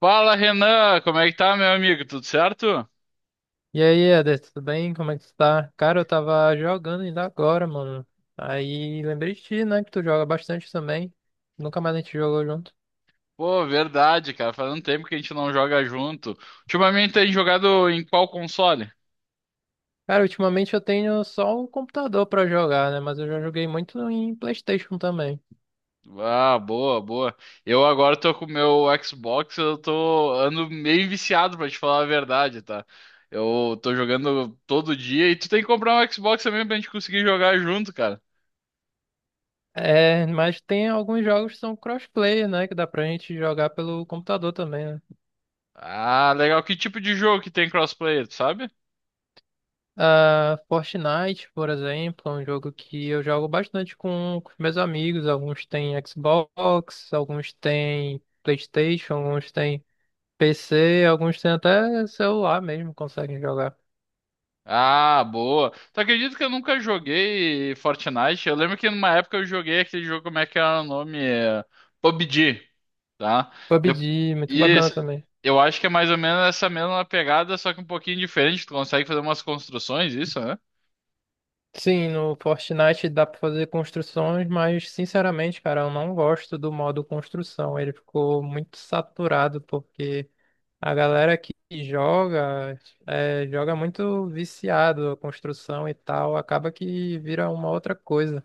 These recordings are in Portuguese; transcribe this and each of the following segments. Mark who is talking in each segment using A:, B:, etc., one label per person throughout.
A: Fala, Renan, como é que tá, meu amigo? Tudo certo?
B: E aí, Eder, tudo bem? Como é que tu tá? Cara, eu tava jogando ainda agora, mano. Aí lembrei de ti, né? Que tu joga bastante também. Nunca mais a gente jogou junto.
A: Pô, verdade, cara. Faz um tempo que a gente não joga junto. Ultimamente tem jogado em qual console?
B: Cara, ultimamente eu tenho só o computador pra jogar, né? Mas eu já joguei muito em PlayStation também.
A: Ah, boa, boa. Eu agora tô com o meu Xbox, eu tô ando meio viciado pra te falar a verdade, tá? Eu tô jogando todo dia e tu tem que comprar um Xbox também pra gente conseguir jogar junto, cara.
B: É, mas tem alguns jogos que são crossplay, né? Que dá pra gente jogar pelo computador também, né?
A: Ah, legal. Que tipo de jogo que tem crossplay, tu sabe?
B: Ah, Fortnite, por exemplo, é um jogo que eu jogo bastante com meus amigos. Alguns têm Xbox, alguns têm PlayStation, alguns têm PC, alguns têm até celular mesmo, conseguem jogar.
A: Ah, boa. Tu acredita que eu nunca joguei Fortnite? Eu lembro que numa época eu joguei aquele jogo, como é que era o nome? É, PUBG, tá? De-
B: PUBG, muito
A: E
B: bacana também.
A: eu acho que é mais ou menos essa mesma pegada, só que um pouquinho diferente. Tu consegue fazer umas construções, isso, né?
B: Sim, no Fortnite dá pra fazer construções, mas sinceramente, cara, eu não gosto do modo construção. Ele ficou muito saturado porque a galera que joga joga muito viciado a construção e tal, acaba que vira uma outra coisa.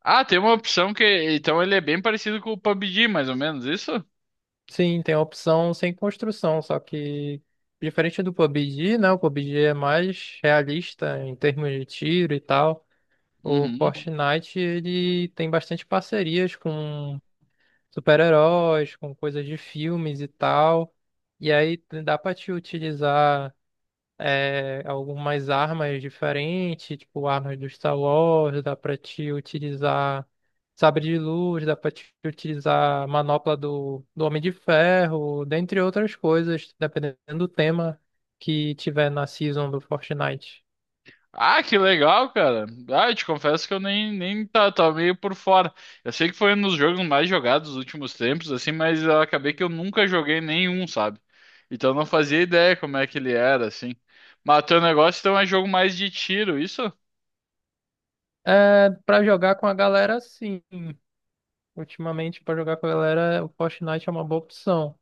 A: Ah, tem uma opção que. Então ele é bem parecido com o PUBG, mais ou menos, isso?
B: Sim, tem a opção sem construção, só que diferente do PUBG, né? O PUBG é mais realista em termos de tiro e tal. O
A: Uhum.
B: Fortnite ele tem bastante parcerias com super-heróis, com coisas de filmes e tal. E aí né, dá pra te utilizar algumas armas diferentes, tipo armas do Star Wars, dá pra te utilizar sabre de luz, dá pra te utilizar manopla do Homem de Ferro, dentre outras coisas, dependendo do tema que tiver na season do Fortnite.
A: Ah, que legal, cara. Ah, eu te confesso que eu nem tava meio por fora. Eu sei que foi um dos jogos mais jogados dos últimos tempos, assim, mas eu acabei que eu nunca joguei nenhum, sabe? Então eu não fazia ideia como é que ele era, assim. Mas teu negócio então é jogo mais de tiro, isso?
B: É, pra jogar com a galera, sim. Ultimamente, pra jogar com a galera, o Fortnite é uma boa opção.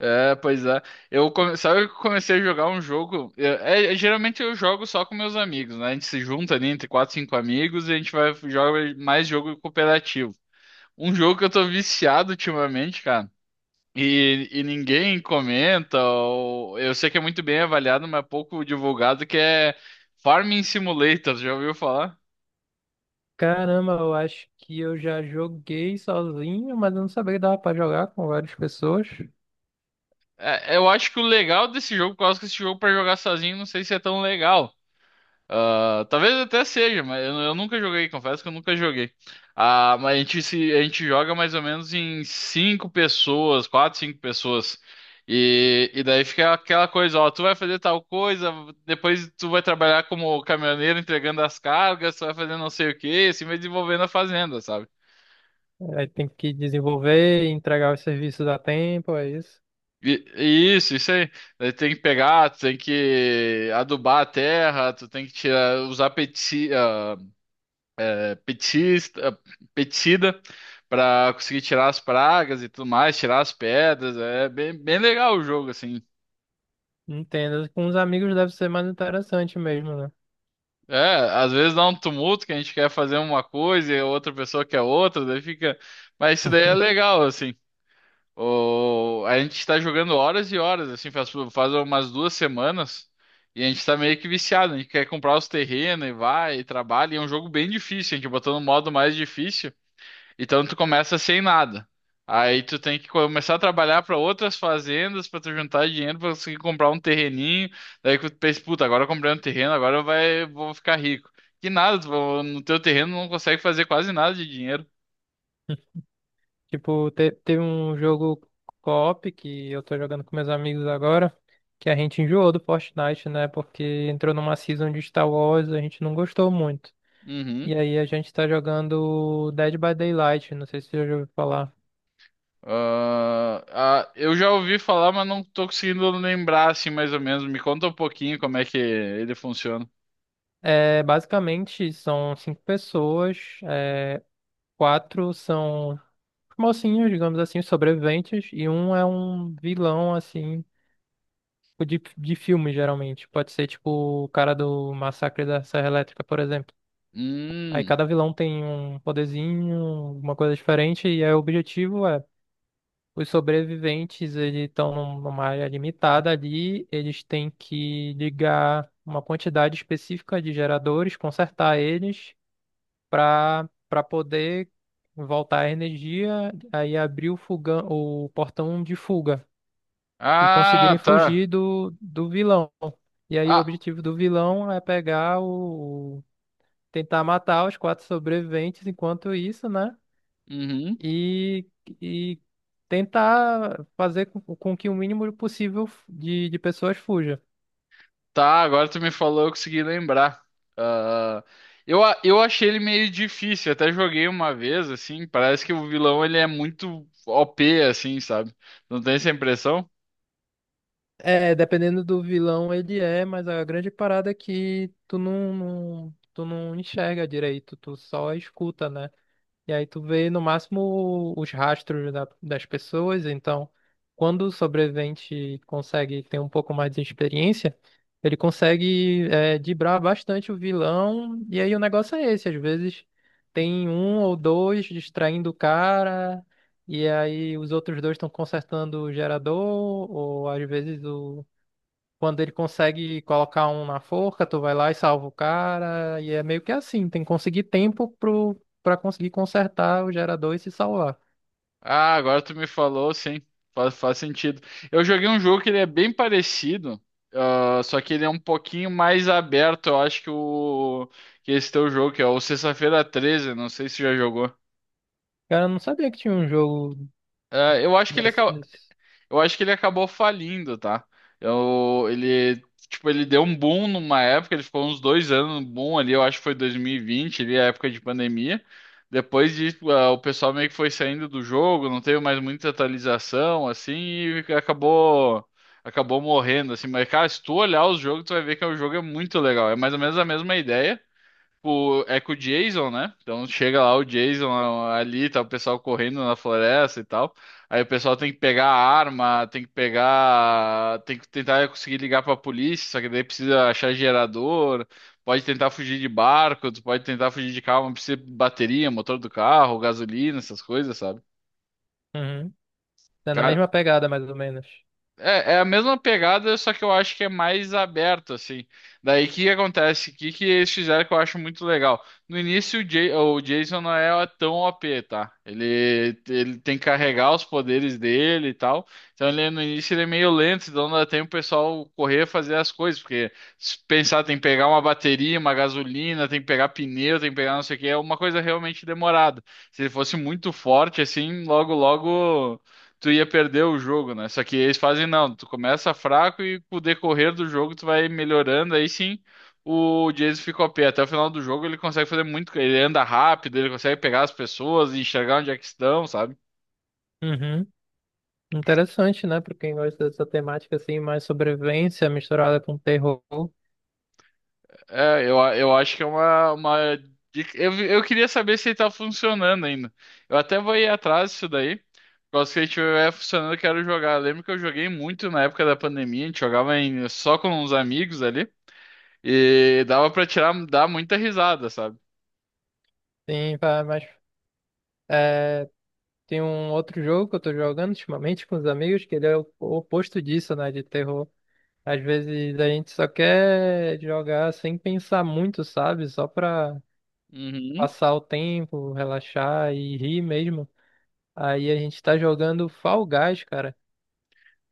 A: É, pois é. Sabe que eu comecei a jogar um jogo. Geralmente eu jogo só com meus amigos, né? A gente se junta ali entre quatro, cinco amigos e a gente vai jogar mais jogo cooperativo. Um jogo que eu tô viciado ultimamente, cara. E ninguém comenta, eu sei que é muito bem avaliado, mas pouco divulgado, que é Farming Simulator, já ouviu falar?
B: Caramba, eu acho que eu já joguei sozinho, mas eu não sabia que dava pra jogar com várias pessoas.
A: É, eu acho que o legal desse jogo, por causa que esse jogo para jogar sozinho, não sei se é tão legal. Ah, talvez até seja, mas eu nunca joguei, confesso que eu nunca joguei. Ah, mas a gente, se, a gente joga mais ou menos em cinco pessoas, quatro, cinco pessoas. E daí fica aquela coisa, ó, tu vai fazer tal coisa, depois tu vai trabalhar como caminhoneiro entregando as cargas, tu vai fazer não sei o quê, assim vai desenvolvendo a fazenda, sabe?
B: Aí tem que desenvolver, entregar os serviços a tempo, é isso.
A: Isso, isso aí. Daí tem que pegar, tu tem que adubar a terra, tu tem que tirar, usar pesticida, petista, petida para conseguir tirar as pragas e tudo mais, tirar as pedras. É bem, bem legal o jogo, assim.
B: Entendo. Com os amigos deve ser mais interessante mesmo, né?
A: É, às vezes dá um tumulto que a gente quer fazer uma coisa e a outra pessoa quer outra, daí fica. Mas isso daí é legal, assim. A gente tá jogando horas e horas, assim, faz umas 2 semanas e a gente tá meio que viciado. A gente quer comprar os terrenos e vai e trabalha. E é um jogo bem difícil, a gente botou no modo mais difícil. Então tu começa sem nada. Aí tu tem que começar a trabalhar para outras fazendas para tu juntar dinheiro para conseguir comprar um terreninho. Daí que tu pensa, puta, agora eu comprei um terreno, agora eu vai, vou ficar rico. Que nada, tu- no teu terreno não consegue fazer quase nada de dinheiro.
B: Tipo, teve um jogo co-op que eu tô jogando com meus amigos agora, que a gente enjoou do Fortnite, né? Porque entrou numa season de Star Wars, a gente não gostou muito.
A: Uhum.
B: E aí a gente tá jogando Dead by Daylight, não sei se você já ouviu falar.
A: Ah, eu já ouvi falar, mas não tô conseguindo lembrar assim mais ou menos. Me conta um pouquinho como é que ele funciona.
B: É, basicamente, são cinco pessoas, quatro são mocinhos, digamos assim, os sobreviventes, e um é um vilão, assim, tipo de filme, geralmente. Pode ser, tipo, o cara do Massacre da Serra Elétrica, por exemplo. Aí
A: Hum.
B: cada vilão tem um poderzinho, uma coisa diferente, e aí o objetivo é, os sobreviventes, eles estão numa área limitada ali, eles têm que ligar uma quantidade específica de geradores, consertar eles, para poder voltar a energia, aí abrir o fogão, o portão de fuga e conseguirem
A: Ah, tá.
B: fugir do vilão. E aí o
A: Ah,
B: objetivo do vilão é pegar o, tentar matar os quatro sobreviventes enquanto isso, né?
A: uhum.
B: E, e tentar fazer com que o mínimo possível de pessoas fuja.
A: Tá, agora tu me falou, eu consegui lembrar. Ah, eu achei ele meio difícil, até joguei uma vez, assim, parece que o vilão ele é muito OP, assim, sabe? Não tem essa impressão?
B: É, dependendo do vilão ele é, mas a grande parada é que tu tu não enxerga direito, tu só escuta, né? E aí tu vê no máximo os rastros das pessoas, então quando o sobrevivente consegue ter um pouco mais de experiência, ele consegue driblar bastante o vilão, e aí o negócio é esse, às vezes tem um ou dois distraindo o cara, e aí os outros dois estão consertando o gerador, ou às vezes o quando ele consegue colocar um na forca, tu vai lá e salva o cara. E é meio que assim, tem que conseguir tempo pra conseguir consertar o gerador e se salvar.
A: Ah, agora tu me falou, sim, faz sentido. Eu joguei um jogo que ele é bem parecido, ah, só que ele é um pouquinho mais aberto, eu acho que o que esse teu jogo, que é o Sexta-feira 13, não sei se já jogou.
B: Cara, eu não sabia que tinha um jogo
A: Ah,
B: desse.
A: eu acho que ele acabou falindo, tá? Eu, ele, tipo, ele deu um boom numa época, ele ficou uns dois anos no boom ali, eu acho que foi 2020, ali, a época de pandemia. Depois disso, ah, o pessoal meio que foi saindo do jogo, não teve mais muita atualização, assim, e acabou morrendo, assim. Mas, cara, se tu olhar os jogos, tu vai ver que o jogo é muito legal. É mais ou menos a mesma ideia. Tipo, é com o Jason, né? Então chega lá o Jason ali, tá o pessoal correndo na floresta e tal. Aí o pessoal tem que pegar a arma, tem que tentar conseguir ligar pra polícia, só que daí precisa achar gerador, pode tentar fugir de barco, tu pode tentar fugir de carro, mas precisa de bateria, motor do carro, gasolina, essas coisas, sabe?
B: Uhum. É na
A: Cara,
B: mesma pegada, mais ou menos.
A: é a mesma pegada, só que eu acho que é mais aberto, assim. Daí o que que acontece? O que que eles fizeram que eu acho muito legal? No início, o Jason não é tão OP, tá? Ele tem que carregar os poderes dele e tal. Então ele, no início ele é meio lento, então dá tempo o pessoal correr fazer as coisas. Porque se pensar, tem que pegar uma bateria, uma gasolina, tem que pegar pneu, tem que pegar não sei o que, é uma coisa realmente demorada. Se ele fosse muito forte, assim, logo, logo tu ia perder o jogo, né? Só que eles fazem, não, tu começa fraco e com o decorrer do jogo tu vai melhorando, aí sim o Jason fica OP. Até o final do jogo ele consegue fazer muito, ele anda rápido, ele consegue pegar as pessoas e enxergar onde é que estão, sabe?
B: Uhum. Interessante, né? Pra quem gosta dessa temática assim, mais sobrevivência misturada com terror.
A: É, eu acho que é uma. Eu queria saber se ele tá funcionando ainda. Eu até vou ir atrás disso daí. Por causa que ele estiver funcionando, eu quero jogar. Eu lembro que eu joguei muito na época da pandemia, a gente jogava só com uns amigos ali. E dava pra tirar, dar muita risada, sabe?
B: Sim, vai, mas é, tem um outro jogo que eu tô jogando ultimamente com os amigos, que ele é o oposto disso, né? De terror. Às vezes a gente só quer jogar sem pensar muito, sabe? Só pra
A: Uhum.
B: passar o tempo, relaxar e rir mesmo. Aí a gente tá jogando Fall Guys, cara.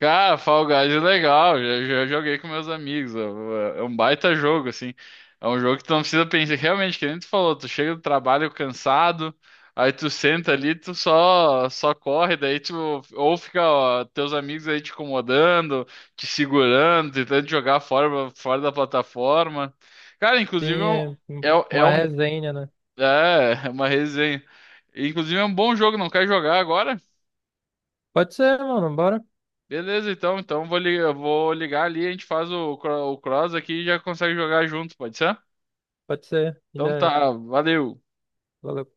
A: Cara, Fall Guys é legal, já joguei com meus amigos, é um baita jogo, assim. É um jogo que tu não precisa pensar, realmente, que nem tu falou, tu chega do trabalho cansado, aí tu senta ali, tu só corre, daí tu, ou fica, ó, teus amigos aí te incomodando, te segurando, tentando te jogar fora da plataforma. Cara, inclusive,
B: Tem
A: é é
B: uma
A: um
B: resenha, né?
A: É uma resenha. Inclusive é um bom jogo, não quer jogar agora?
B: Pode ser, mano, bora?
A: Beleza, então. Então eu vou ligar ali, a gente faz o cross aqui e já consegue jogar junto, pode ser?
B: Pode ser. Já
A: Então
B: é.
A: tá, valeu.
B: Valeu.